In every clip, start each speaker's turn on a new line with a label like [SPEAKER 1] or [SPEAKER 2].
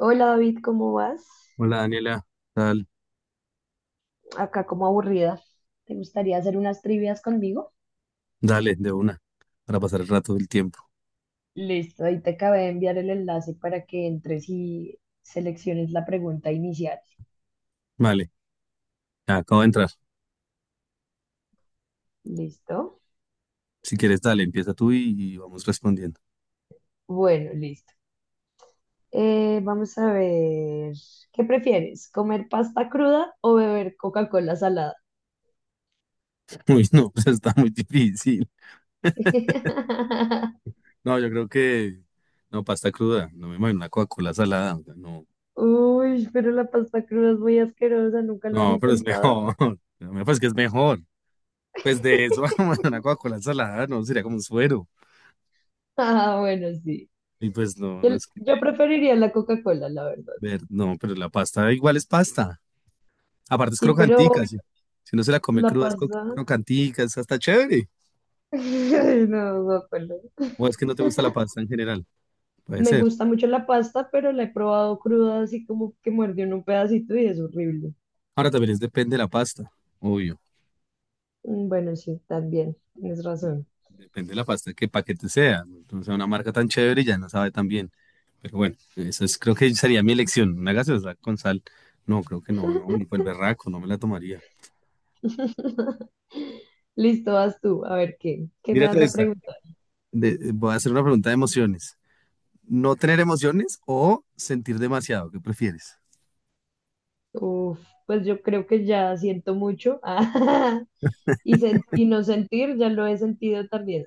[SPEAKER 1] Hola David, ¿cómo vas?
[SPEAKER 2] Hola Daniela, Dal-
[SPEAKER 1] Acá como aburrida. ¿Te gustaría hacer unas trivias conmigo?
[SPEAKER 2] dale, de una, para pasar el rato del tiempo.
[SPEAKER 1] Listo, ahí te acabé de enviar el enlace para que entres y selecciones la pregunta inicial.
[SPEAKER 2] Vale, ya acabo de entrar.
[SPEAKER 1] ¿Listo?
[SPEAKER 2] Si quieres, dale, empieza tú y vamos respondiendo.
[SPEAKER 1] Bueno, listo. Vamos a ver, ¿qué prefieres? ¿Comer pasta cruda o beber Coca-Cola salada?
[SPEAKER 2] Uy, no, pues está muy difícil. No, yo creo que no, pasta cruda, no me imagino una Coca-Cola salada, o sea, no,
[SPEAKER 1] Uy, pero la pasta cruda es muy asquerosa, ¿nunca lo has
[SPEAKER 2] no, pero es
[SPEAKER 1] intentado?
[SPEAKER 2] mejor. Me parece que es mejor. Pues de eso, una Coca-Cola salada, no, sería como un suero.
[SPEAKER 1] Ah, bueno, sí.
[SPEAKER 2] Y pues no,
[SPEAKER 1] Yo,
[SPEAKER 2] no es que
[SPEAKER 1] yo preferiría la Coca-Cola, la verdad.
[SPEAKER 2] ver, no, pero la pasta igual es pasta. Aparte es
[SPEAKER 1] Sí,
[SPEAKER 2] crocantica,
[SPEAKER 1] pero
[SPEAKER 2] si uno se la come
[SPEAKER 1] la
[SPEAKER 2] cruda, es
[SPEAKER 1] pasta.
[SPEAKER 2] crocantica, es hasta chévere.
[SPEAKER 1] Ay, no, guácala.
[SPEAKER 2] O es que no te gusta la pasta en general, puede
[SPEAKER 1] Me
[SPEAKER 2] ser.
[SPEAKER 1] gusta mucho la pasta, pero la he probado cruda, así como que muerde uno un pedacito y es horrible.
[SPEAKER 2] Ahora también es depende de la pasta, obvio.
[SPEAKER 1] Bueno, sí, también, tienes razón.
[SPEAKER 2] Depende de la pasta, qué paquete sea. Entonces, una marca tan chévere ya no sabe tan bien. Pero bueno, eso es, creo que sería mi elección. Una gaseosa con sal. No, creo que no, no, ni por el berraco, no me la tomaría.
[SPEAKER 1] Listo, vas tú. A ver, ¿qué? ¿Qué me vas
[SPEAKER 2] Mírate
[SPEAKER 1] a
[SPEAKER 2] esta.
[SPEAKER 1] preguntar?
[SPEAKER 2] Voy a hacer una pregunta de emociones. ¿No tener emociones o sentir demasiado? ¿Qué prefieres?
[SPEAKER 1] Uf, pues yo creo que ya siento mucho. Ah, Y no sentir, ya lo he sentido también.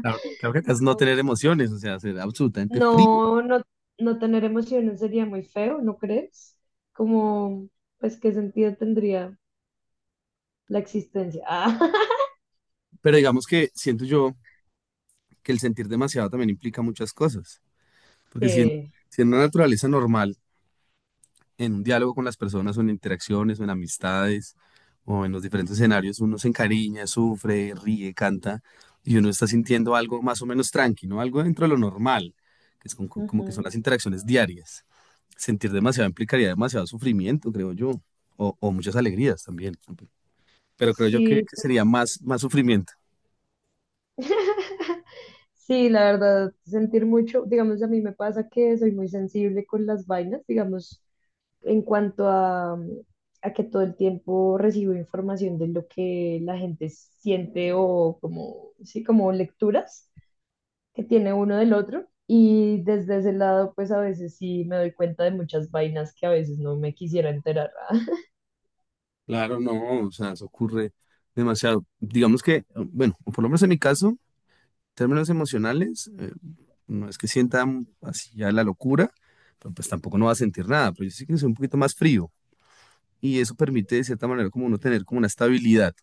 [SPEAKER 2] Claro, claro que acá es no
[SPEAKER 1] Ah,
[SPEAKER 2] tener emociones, o sea, ser absolutamente frío.
[SPEAKER 1] no, no, no tener emociones sería muy feo, ¿no crees? Como, pues, ¿qué sentido tendría la existencia? Ah,
[SPEAKER 2] Pero digamos que siento yo que el sentir demasiado también implica muchas cosas. Porque si en,
[SPEAKER 1] sí.
[SPEAKER 2] si en una naturaleza normal, en un diálogo con las personas, o en interacciones, o en amistades, o en los diferentes escenarios, uno se encariña, sufre, ríe, canta, y uno está sintiendo algo más o menos tranquilo, algo dentro de lo normal, que es como que son
[SPEAKER 1] Ujú.
[SPEAKER 2] las interacciones diarias. Sentir demasiado implicaría demasiado sufrimiento, creo yo, o muchas alegrías también. Pero creo yo que,
[SPEAKER 1] Sí,
[SPEAKER 2] que
[SPEAKER 1] pues,
[SPEAKER 2] sería más, más sufrimiento.
[SPEAKER 1] sí, la verdad, sentir mucho, digamos, a mí me pasa que soy muy sensible con las vainas, digamos, en cuanto a que todo el tiempo recibo información de lo que la gente siente o como, sí, como lecturas que tiene uno del otro. Y desde ese lado, pues a veces sí me doy cuenta de muchas vainas que a veces no me quisiera enterar.
[SPEAKER 2] Claro, no, o sea, eso ocurre demasiado. Digamos que, bueno, o por lo menos en mi caso, términos emocionales, no es que sienta así ya la locura, pero pues tampoco no va a sentir nada, pero yo sí que soy un poquito más frío y eso permite de cierta manera como uno tener como una estabilidad,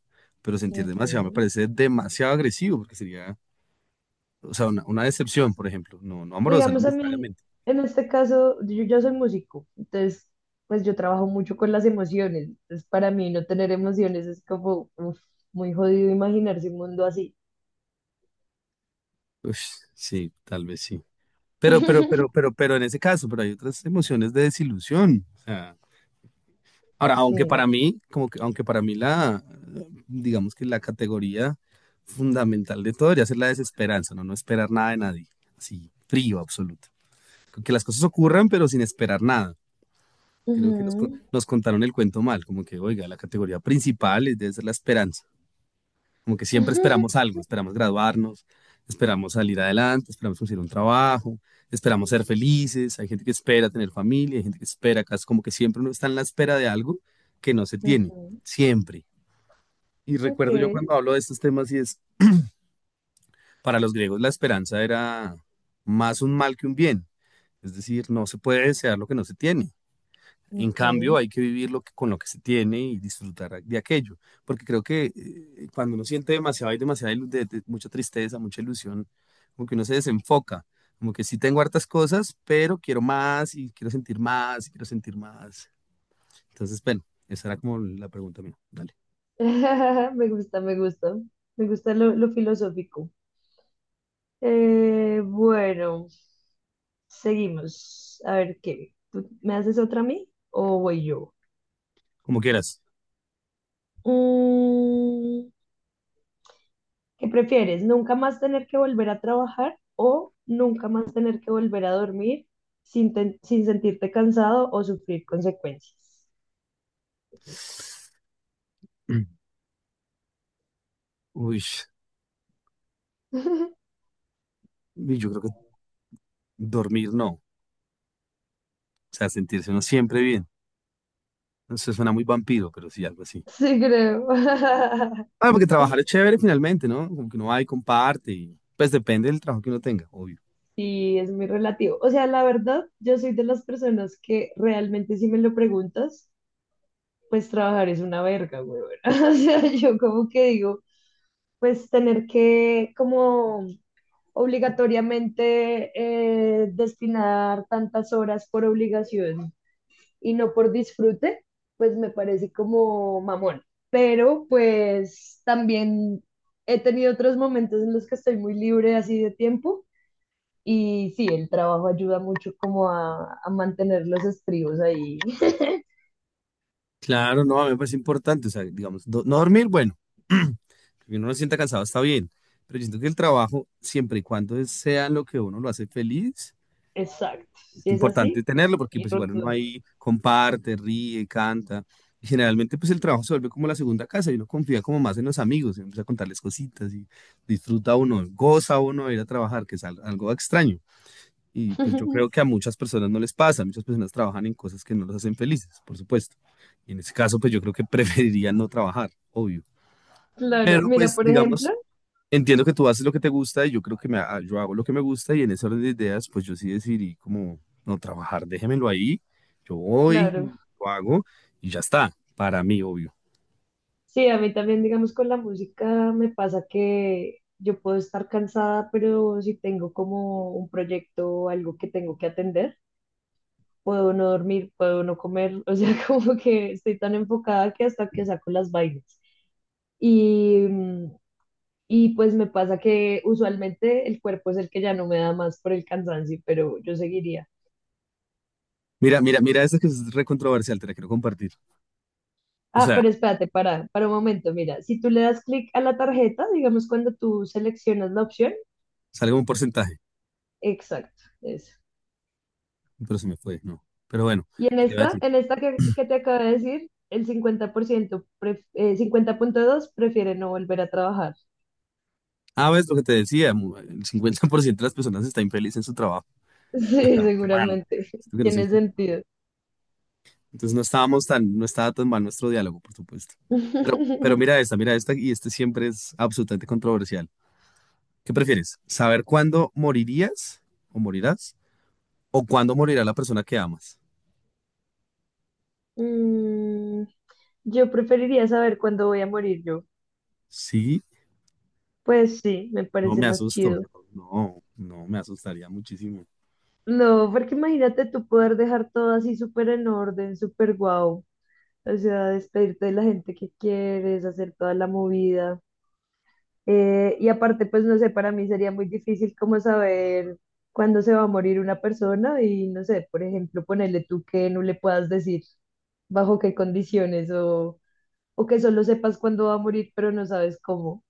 [SPEAKER 2] pero sentir demasiado me
[SPEAKER 1] Ujú.
[SPEAKER 2] parece demasiado agresivo porque sería, o sea, una decepción, por ejemplo, no, no amorosa, no
[SPEAKER 1] Digamos, a mí
[SPEAKER 2] necesariamente.
[SPEAKER 1] en este caso, yo ya soy músico, entonces, pues yo trabajo mucho con las emociones. Entonces, para mí no tener emociones es como uf, muy jodido imaginarse un mundo así.
[SPEAKER 2] Ush, sí, tal vez sí. Pero, pero, pero, pero, pero en ese caso, pero hay otras emociones de desilusión, o sea. Ahora,
[SPEAKER 1] Sí.
[SPEAKER 2] aunque para mí la, digamos que la categoría fundamental de todo debería ser la desesperanza, ¿no? No esperar nada de nadie, así, frío absoluto. Con que las cosas ocurran, pero sin esperar nada. Creo que
[SPEAKER 1] Ujú.
[SPEAKER 2] nos contaron el cuento mal, como que, oiga, la categoría principal debe ser la esperanza. Como que siempre esperamos algo, esperamos graduarnos, esperamos salir adelante, esperamos conseguir un trabajo, esperamos ser felices, hay gente que espera tener familia, hay gente que espera casas, como que siempre uno está en la espera de algo que no se tiene,
[SPEAKER 1] Ujú.
[SPEAKER 2] siempre. Y
[SPEAKER 1] Ok.
[SPEAKER 2] recuerdo yo cuando hablo de estos temas y es, para los griegos la esperanza era más un mal que un bien, es decir, no se puede desear lo que no se tiene. En cambio,
[SPEAKER 1] Ujú.
[SPEAKER 2] hay que vivir lo que, con lo que se tiene y disfrutar de aquello, porque creo que cuando uno siente demasiado, hay demasiada mucha tristeza, mucha ilusión, como que uno se desenfoca, como que sí tengo hartas cosas, pero quiero más y quiero sentir más y quiero sentir más. Entonces, bueno, esa era como la pregunta mía. Dale,
[SPEAKER 1] Me gusta, me gusta. Me gusta lo filosófico. Bueno, seguimos. A ver, ¿qué? ¿Tú me haces otra a mí o voy yo?
[SPEAKER 2] como quieras.
[SPEAKER 1] Mm, ¿Qué prefieres? ¿Nunca más tener que volver a trabajar o nunca más tener que volver a dormir sin, ten- sin sentirte cansado o sufrir consecuencias?
[SPEAKER 2] Mm. Uy, uy, yo creo que dormir no, o sea, sentirse uno siempre bien. Eso suena muy vampiro, pero sí, algo así.
[SPEAKER 1] Sí, creo.
[SPEAKER 2] Ah, porque trabajar es chévere finalmente, ¿no? Como que uno va y comparte y pues depende del trabajo que uno tenga, obvio.
[SPEAKER 1] Sí, es muy relativo. O sea, la verdad, yo soy de las personas que realmente si me lo preguntas, pues trabajar es una verga, güey. O sea, yo como que digo... pues tener que como obligatoriamente destinar tantas horas por obligación y no por disfrute, pues me parece como mamón. Pero pues también he tenido otros momentos en los que estoy muy libre así de tiempo y sí, el trabajo ayuda mucho como a mantener los estribos ahí.
[SPEAKER 2] Claro, no, a mí me parece importante, o sea, digamos, no dormir, bueno, que uno no se sienta cansado está bien, pero yo siento que el trabajo, siempre y cuando sea lo que uno lo hace feliz,
[SPEAKER 1] Exacto, si
[SPEAKER 2] es
[SPEAKER 1] es así,
[SPEAKER 2] importante tenerlo porque
[SPEAKER 1] y
[SPEAKER 2] pues igual uno
[SPEAKER 1] rotundo.
[SPEAKER 2] ahí comparte, ríe, canta. Y generalmente pues el trabajo se vuelve como la segunda casa y uno confía como más en los amigos, y empieza a contarles cositas y disfruta uno, goza uno de ir a trabajar, que es algo extraño. Y pues yo creo que a muchas personas no les pasa, muchas personas trabajan en cosas que no los hacen felices, por supuesto. Y en ese caso, pues yo creo que preferiría no trabajar, obvio.
[SPEAKER 1] Claro,
[SPEAKER 2] Pero
[SPEAKER 1] mira,
[SPEAKER 2] pues
[SPEAKER 1] por ejemplo,
[SPEAKER 2] digamos, entiendo que tú haces lo que te gusta y yo creo que yo hago lo que me gusta y en ese orden de ideas, pues yo sí decidí como no trabajar, déjemelo ahí, yo
[SPEAKER 1] claro,
[SPEAKER 2] voy, lo hago y ya está, para mí, obvio.
[SPEAKER 1] sí, a mí también, digamos, con la música me pasa que yo puedo estar cansada, pero si tengo como un proyecto o algo que tengo que atender, puedo no dormir, puedo no comer, o sea, como que estoy tan enfocada que hasta que saco las vainas. Y, mm, y pues me pasa que usualmente el cuerpo es el que ya no me da más por el cansancio, pero yo seguiría.
[SPEAKER 2] Mira, mira, mira, esta que es re controversial, te la quiero compartir. O
[SPEAKER 1] Ah,
[SPEAKER 2] sea,
[SPEAKER 1] pero espérate, para un momento, mira, si tú le das clic a la tarjeta, digamos, cuando tú seleccionas la opción,
[SPEAKER 2] sale un porcentaje,
[SPEAKER 1] exacto, eso.
[SPEAKER 2] pero se me fue, no. Pero bueno,
[SPEAKER 1] Y en esta que te acabo de decir, el 50%, 50,2, prefiere no volver a trabajar.
[SPEAKER 2] ah, ves lo que te decía, el 50% de las personas está infeliz en su trabajo.
[SPEAKER 1] Sí,
[SPEAKER 2] Qué mal.
[SPEAKER 1] seguramente.
[SPEAKER 2] Esto que nos
[SPEAKER 1] Tiene
[SPEAKER 2] empu-
[SPEAKER 1] sentido.
[SPEAKER 2] Entonces no estaba tan mal nuestro diálogo, por supuesto. Pero mira esta, y este siempre es absolutamente controversial. ¿Qué prefieres? ¿Saber cuándo morirías o morirás? ¿O cuándo morirá la persona que amas?
[SPEAKER 1] Mm, yo preferiría saber cuándo voy a morir yo.
[SPEAKER 2] Sí,
[SPEAKER 1] Pues sí, me
[SPEAKER 2] no
[SPEAKER 1] parece
[SPEAKER 2] me
[SPEAKER 1] más
[SPEAKER 2] asusto.
[SPEAKER 1] chido.
[SPEAKER 2] No, no, me asustaría muchísimo.
[SPEAKER 1] No, porque imagínate tú poder dejar todo así súper en orden, súper guau. O sea, despedirte de la gente que quieres, hacer toda la movida. Y aparte, pues no sé, para mí sería muy difícil como saber cuándo se va a morir una persona y no sé, por ejemplo, ponerle tú que no le puedas decir bajo qué condiciones o que solo sepas cuándo va a morir, pero no sabes cómo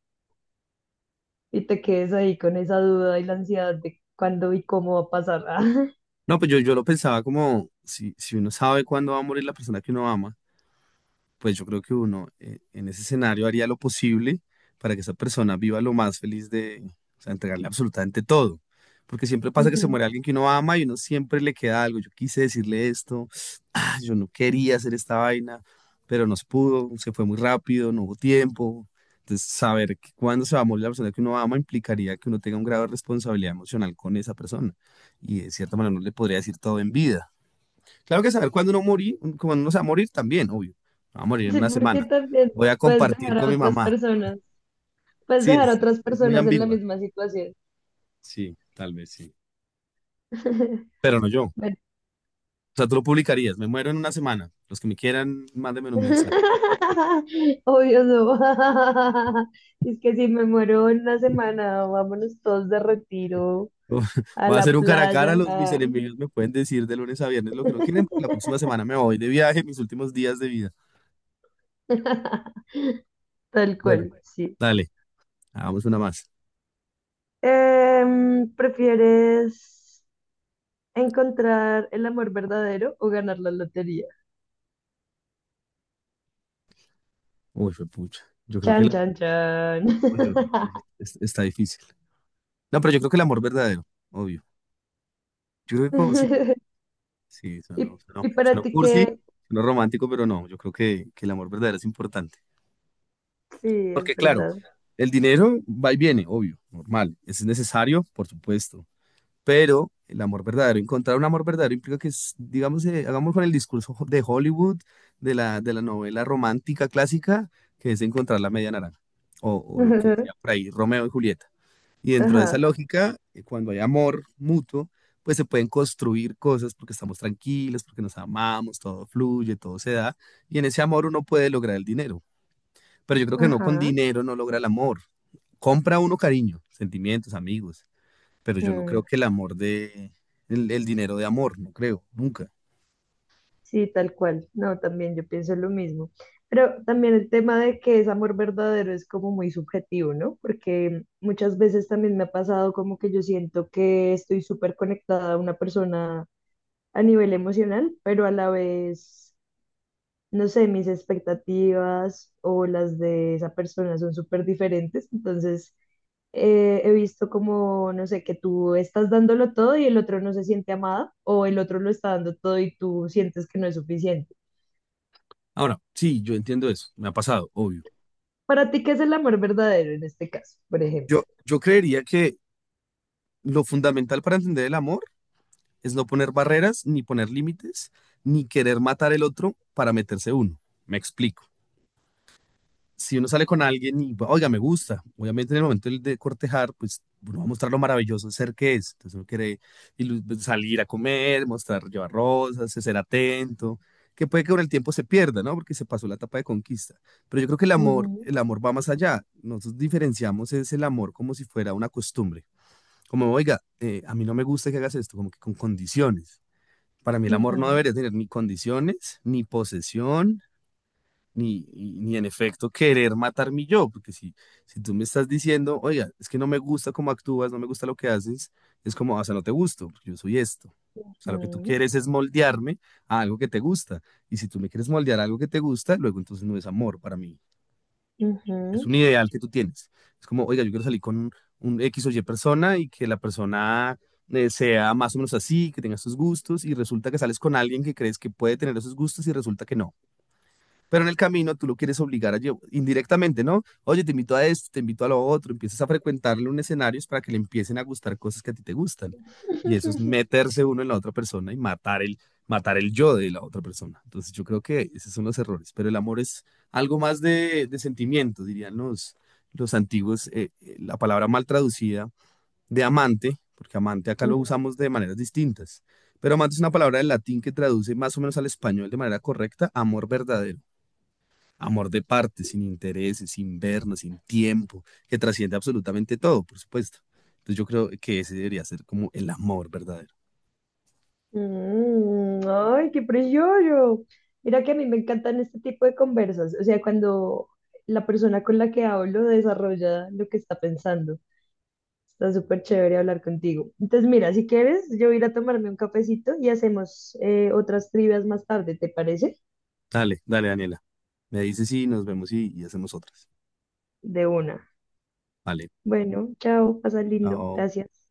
[SPEAKER 1] y te quedes ahí con esa duda y la ansiedad de cuándo y cómo va a pasar.
[SPEAKER 2] No, pues yo lo pensaba como si uno sabe cuándo va a morir la persona que uno ama. Pues yo creo que uno en ese escenario haría lo posible para que esa persona viva lo más feliz de, o sea, entregarle absolutamente todo. Porque siempre pasa que se muere
[SPEAKER 1] Ujú.
[SPEAKER 2] alguien que uno ama y uno siempre le queda algo. Yo quise decirle esto, ah, yo no quería hacer esta vaina, pero no se pudo, se fue muy rápido, no hubo tiempo. Entonces, saber que cuando se va a morir la persona que uno ama implicaría que uno tenga un grado de responsabilidad emocional con esa persona. Y de cierta manera no le podría decir todo en vida. Claro que saber cuándo no morir, cuando uno se va a morir también, obvio. Me va a morir en
[SPEAKER 1] Sí,
[SPEAKER 2] una
[SPEAKER 1] porque
[SPEAKER 2] semana.
[SPEAKER 1] también
[SPEAKER 2] Voy a
[SPEAKER 1] puedes
[SPEAKER 2] compartir
[SPEAKER 1] dejar a
[SPEAKER 2] con mi
[SPEAKER 1] otras
[SPEAKER 2] mamá.
[SPEAKER 1] personas, puedes
[SPEAKER 2] Sí,
[SPEAKER 1] dejar a
[SPEAKER 2] es, es-
[SPEAKER 1] otras
[SPEAKER 2] es muy
[SPEAKER 1] personas en la
[SPEAKER 2] ambigua.
[SPEAKER 1] misma situación.
[SPEAKER 2] Sí, tal vez sí. Pero no yo. O
[SPEAKER 1] Bueno,
[SPEAKER 2] sea, tú lo publicarías. Me muero en una semana. Los que me quieran, mándenme un mensaje.
[SPEAKER 1] obvio no. Es que si me muero en una semana, vámonos todos de retiro a
[SPEAKER 2] Voy a
[SPEAKER 1] la
[SPEAKER 2] hacer un cara a cara.
[SPEAKER 1] playa.
[SPEAKER 2] Mis
[SPEAKER 1] Ah.
[SPEAKER 2] enemigos me pueden decir de lunes a viernes lo que no quieren. La próxima semana me voy de viaje, mis últimos días de vida.
[SPEAKER 1] Tal
[SPEAKER 2] Bueno,
[SPEAKER 1] cual, sí.
[SPEAKER 2] dale, hagamos una más.
[SPEAKER 1] ¿Prefieres encontrar el amor verdadero o ganar la lotería?
[SPEAKER 2] Uy, fue pucha. Yo creo que
[SPEAKER 1] Chan,
[SPEAKER 2] la,
[SPEAKER 1] chan, chan.
[SPEAKER 2] uy, yo- está difícil. No, pero yo creo que el amor verdadero, obvio. Yo creo que como, sí, sí,
[SPEAKER 1] ¿Y,
[SPEAKER 2] sonó, sonó,
[SPEAKER 1] y para
[SPEAKER 2] sonó
[SPEAKER 1] ti
[SPEAKER 2] cursi,
[SPEAKER 1] qué?
[SPEAKER 2] sonó romántico, pero no, yo creo que el amor verdadero es importante.
[SPEAKER 1] Sí, es
[SPEAKER 2] Porque claro,
[SPEAKER 1] verdad.
[SPEAKER 2] el dinero va y viene, obvio, normal, es necesario, por supuesto, pero el amor verdadero, encontrar un amor verdadero implica que, es, digamos, hagamos con el discurso de Hollywood, de la novela romántica clásica, que es encontrar la media naranja, o lo que decía por ahí, Romeo y Julieta. Y dentro de esa
[SPEAKER 1] Ajá,
[SPEAKER 2] lógica, cuando hay amor mutuo, pues se pueden construir cosas porque estamos tranquilos, porque nos amamos, todo fluye, todo se da. Y en ese amor uno puede lograr el dinero. Pero yo creo que no con
[SPEAKER 1] ajá.
[SPEAKER 2] dinero no logra el amor. Compra uno cariño, sentimientos, amigos. Pero yo no creo
[SPEAKER 1] Mm.
[SPEAKER 2] que el amor de, el dinero de amor, no creo, nunca.
[SPEAKER 1] Sí, tal cual. No, también yo pienso lo mismo. Pero también el tema de que es amor verdadero es como muy subjetivo, ¿no? Porque muchas veces también me ha pasado como que yo siento que estoy súper conectada a una persona a nivel emocional, pero a la vez, no sé, mis expectativas o las de esa persona son súper diferentes. Entonces, he visto como, no sé, que tú estás dándolo todo y el otro no se siente amada o el otro lo está dando todo y tú sientes que no es suficiente.
[SPEAKER 2] Ahora, sí, yo entiendo eso. Me ha pasado, obvio.
[SPEAKER 1] Para ti, ¿qué es el amor verdadero en este caso, por ejemplo?
[SPEAKER 2] Yo creería que lo fundamental para entender el amor es no poner barreras, ni poner límites, ni querer matar el otro para meterse uno. Me explico. Si uno sale con alguien y, oiga, me gusta, obviamente en el momento de cortejar, pues uno va a mostrar lo maravilloso de ser que es. Entonces uno quiere salir a comer, mostrar, llevar rosas, ser atento, que puede que con el tiempo se pierda, ¿no? Porque se pasó la etapa de conquista. Pero yo creo que
[SPEAKER 1] Ujú,
[SPEAKER 2] el amor va más allá. Nosotros diferenciamos es el amor como si fuera una costumbre. Como, oiga, a mí no me gusta que hagas esto, como que con condiciones para mí el amor no
[SPEAKER 1] ujú,
[SPEAKER 2] debería tener ni condiciones, ni posesión, ni en efecto querer matar mi yo, porque si, si tú me estás diciendo, oiga, es que no me gusta cómo actúas, no me gusta lo que haces, es como, "Ah, o sea, no te gusto, porque yo soy esto. O sea, lo que tú
[SPEAKER 1] ujú,
[SPEAKER 2] quieres es moldearme a algo que te gusta. Y si tú me quieres moldear a algo que te gusta, luego entonces no es amor para mí, es
[SPEAKER 1] ujú.
[SPEAKER 2] un ideal que tú tienes. Es como, oiga, yo quiero salir con un X o Y persona y que la persona sea más o menos así, que tenga sus gustos y resulta que sales con alguien que crees que puede tener esos gustos y resulta que no. Pero en el camino tú lo quieres obligar a llevar indirectamente, ¿no? Oye, te invito a esto, te invito a lo otro, empiezas a frecuentarle un escenario para que le empiecen a gustar cosas que a ti te gustan. Y eso es meterse uno en la otra persona y matar el yo de la otra persona. Entonces yo creo que esos son los errores, pero el amor es algo más de sentimiento, dirían los antiguos, la palabra mal traducida de amante, porque amante acá lo usamos de maneras distintas, pero amante es una palabra del latín que traduce más o menos al español de manera correcta, amor verdadero. Amor de parte, sin intereses, sin vernos, sin tiempo, que trasciende absolutamente todo, por supuesto. Entonces yo creo que ese debería ser como el amor verdadero.
[SPEAKER 1] Ay, qué precioso. Mira que a mí me encantan este tipo de conversas. O sea, cuando la persona con la que hablo desarrolla lo que está pensando. Está súper chévere hablar contigo. Entonces, mira, si quieres, yo voy a ir a tomarme un cafecito y hacemos otras trivias más tarde, ¿te parece?
[SPEAKER 2] Dale, dale, Daniela. Me dices sí nos vemos y hacemos otras.
[SPEAKER 1] De una.
[SPEAKER 2] Vale.
[SPEAKER 1] Bueno, chao, pasa lindo.
[SPEAKER 2] Chao.
[SPEAKER 1] Gracias.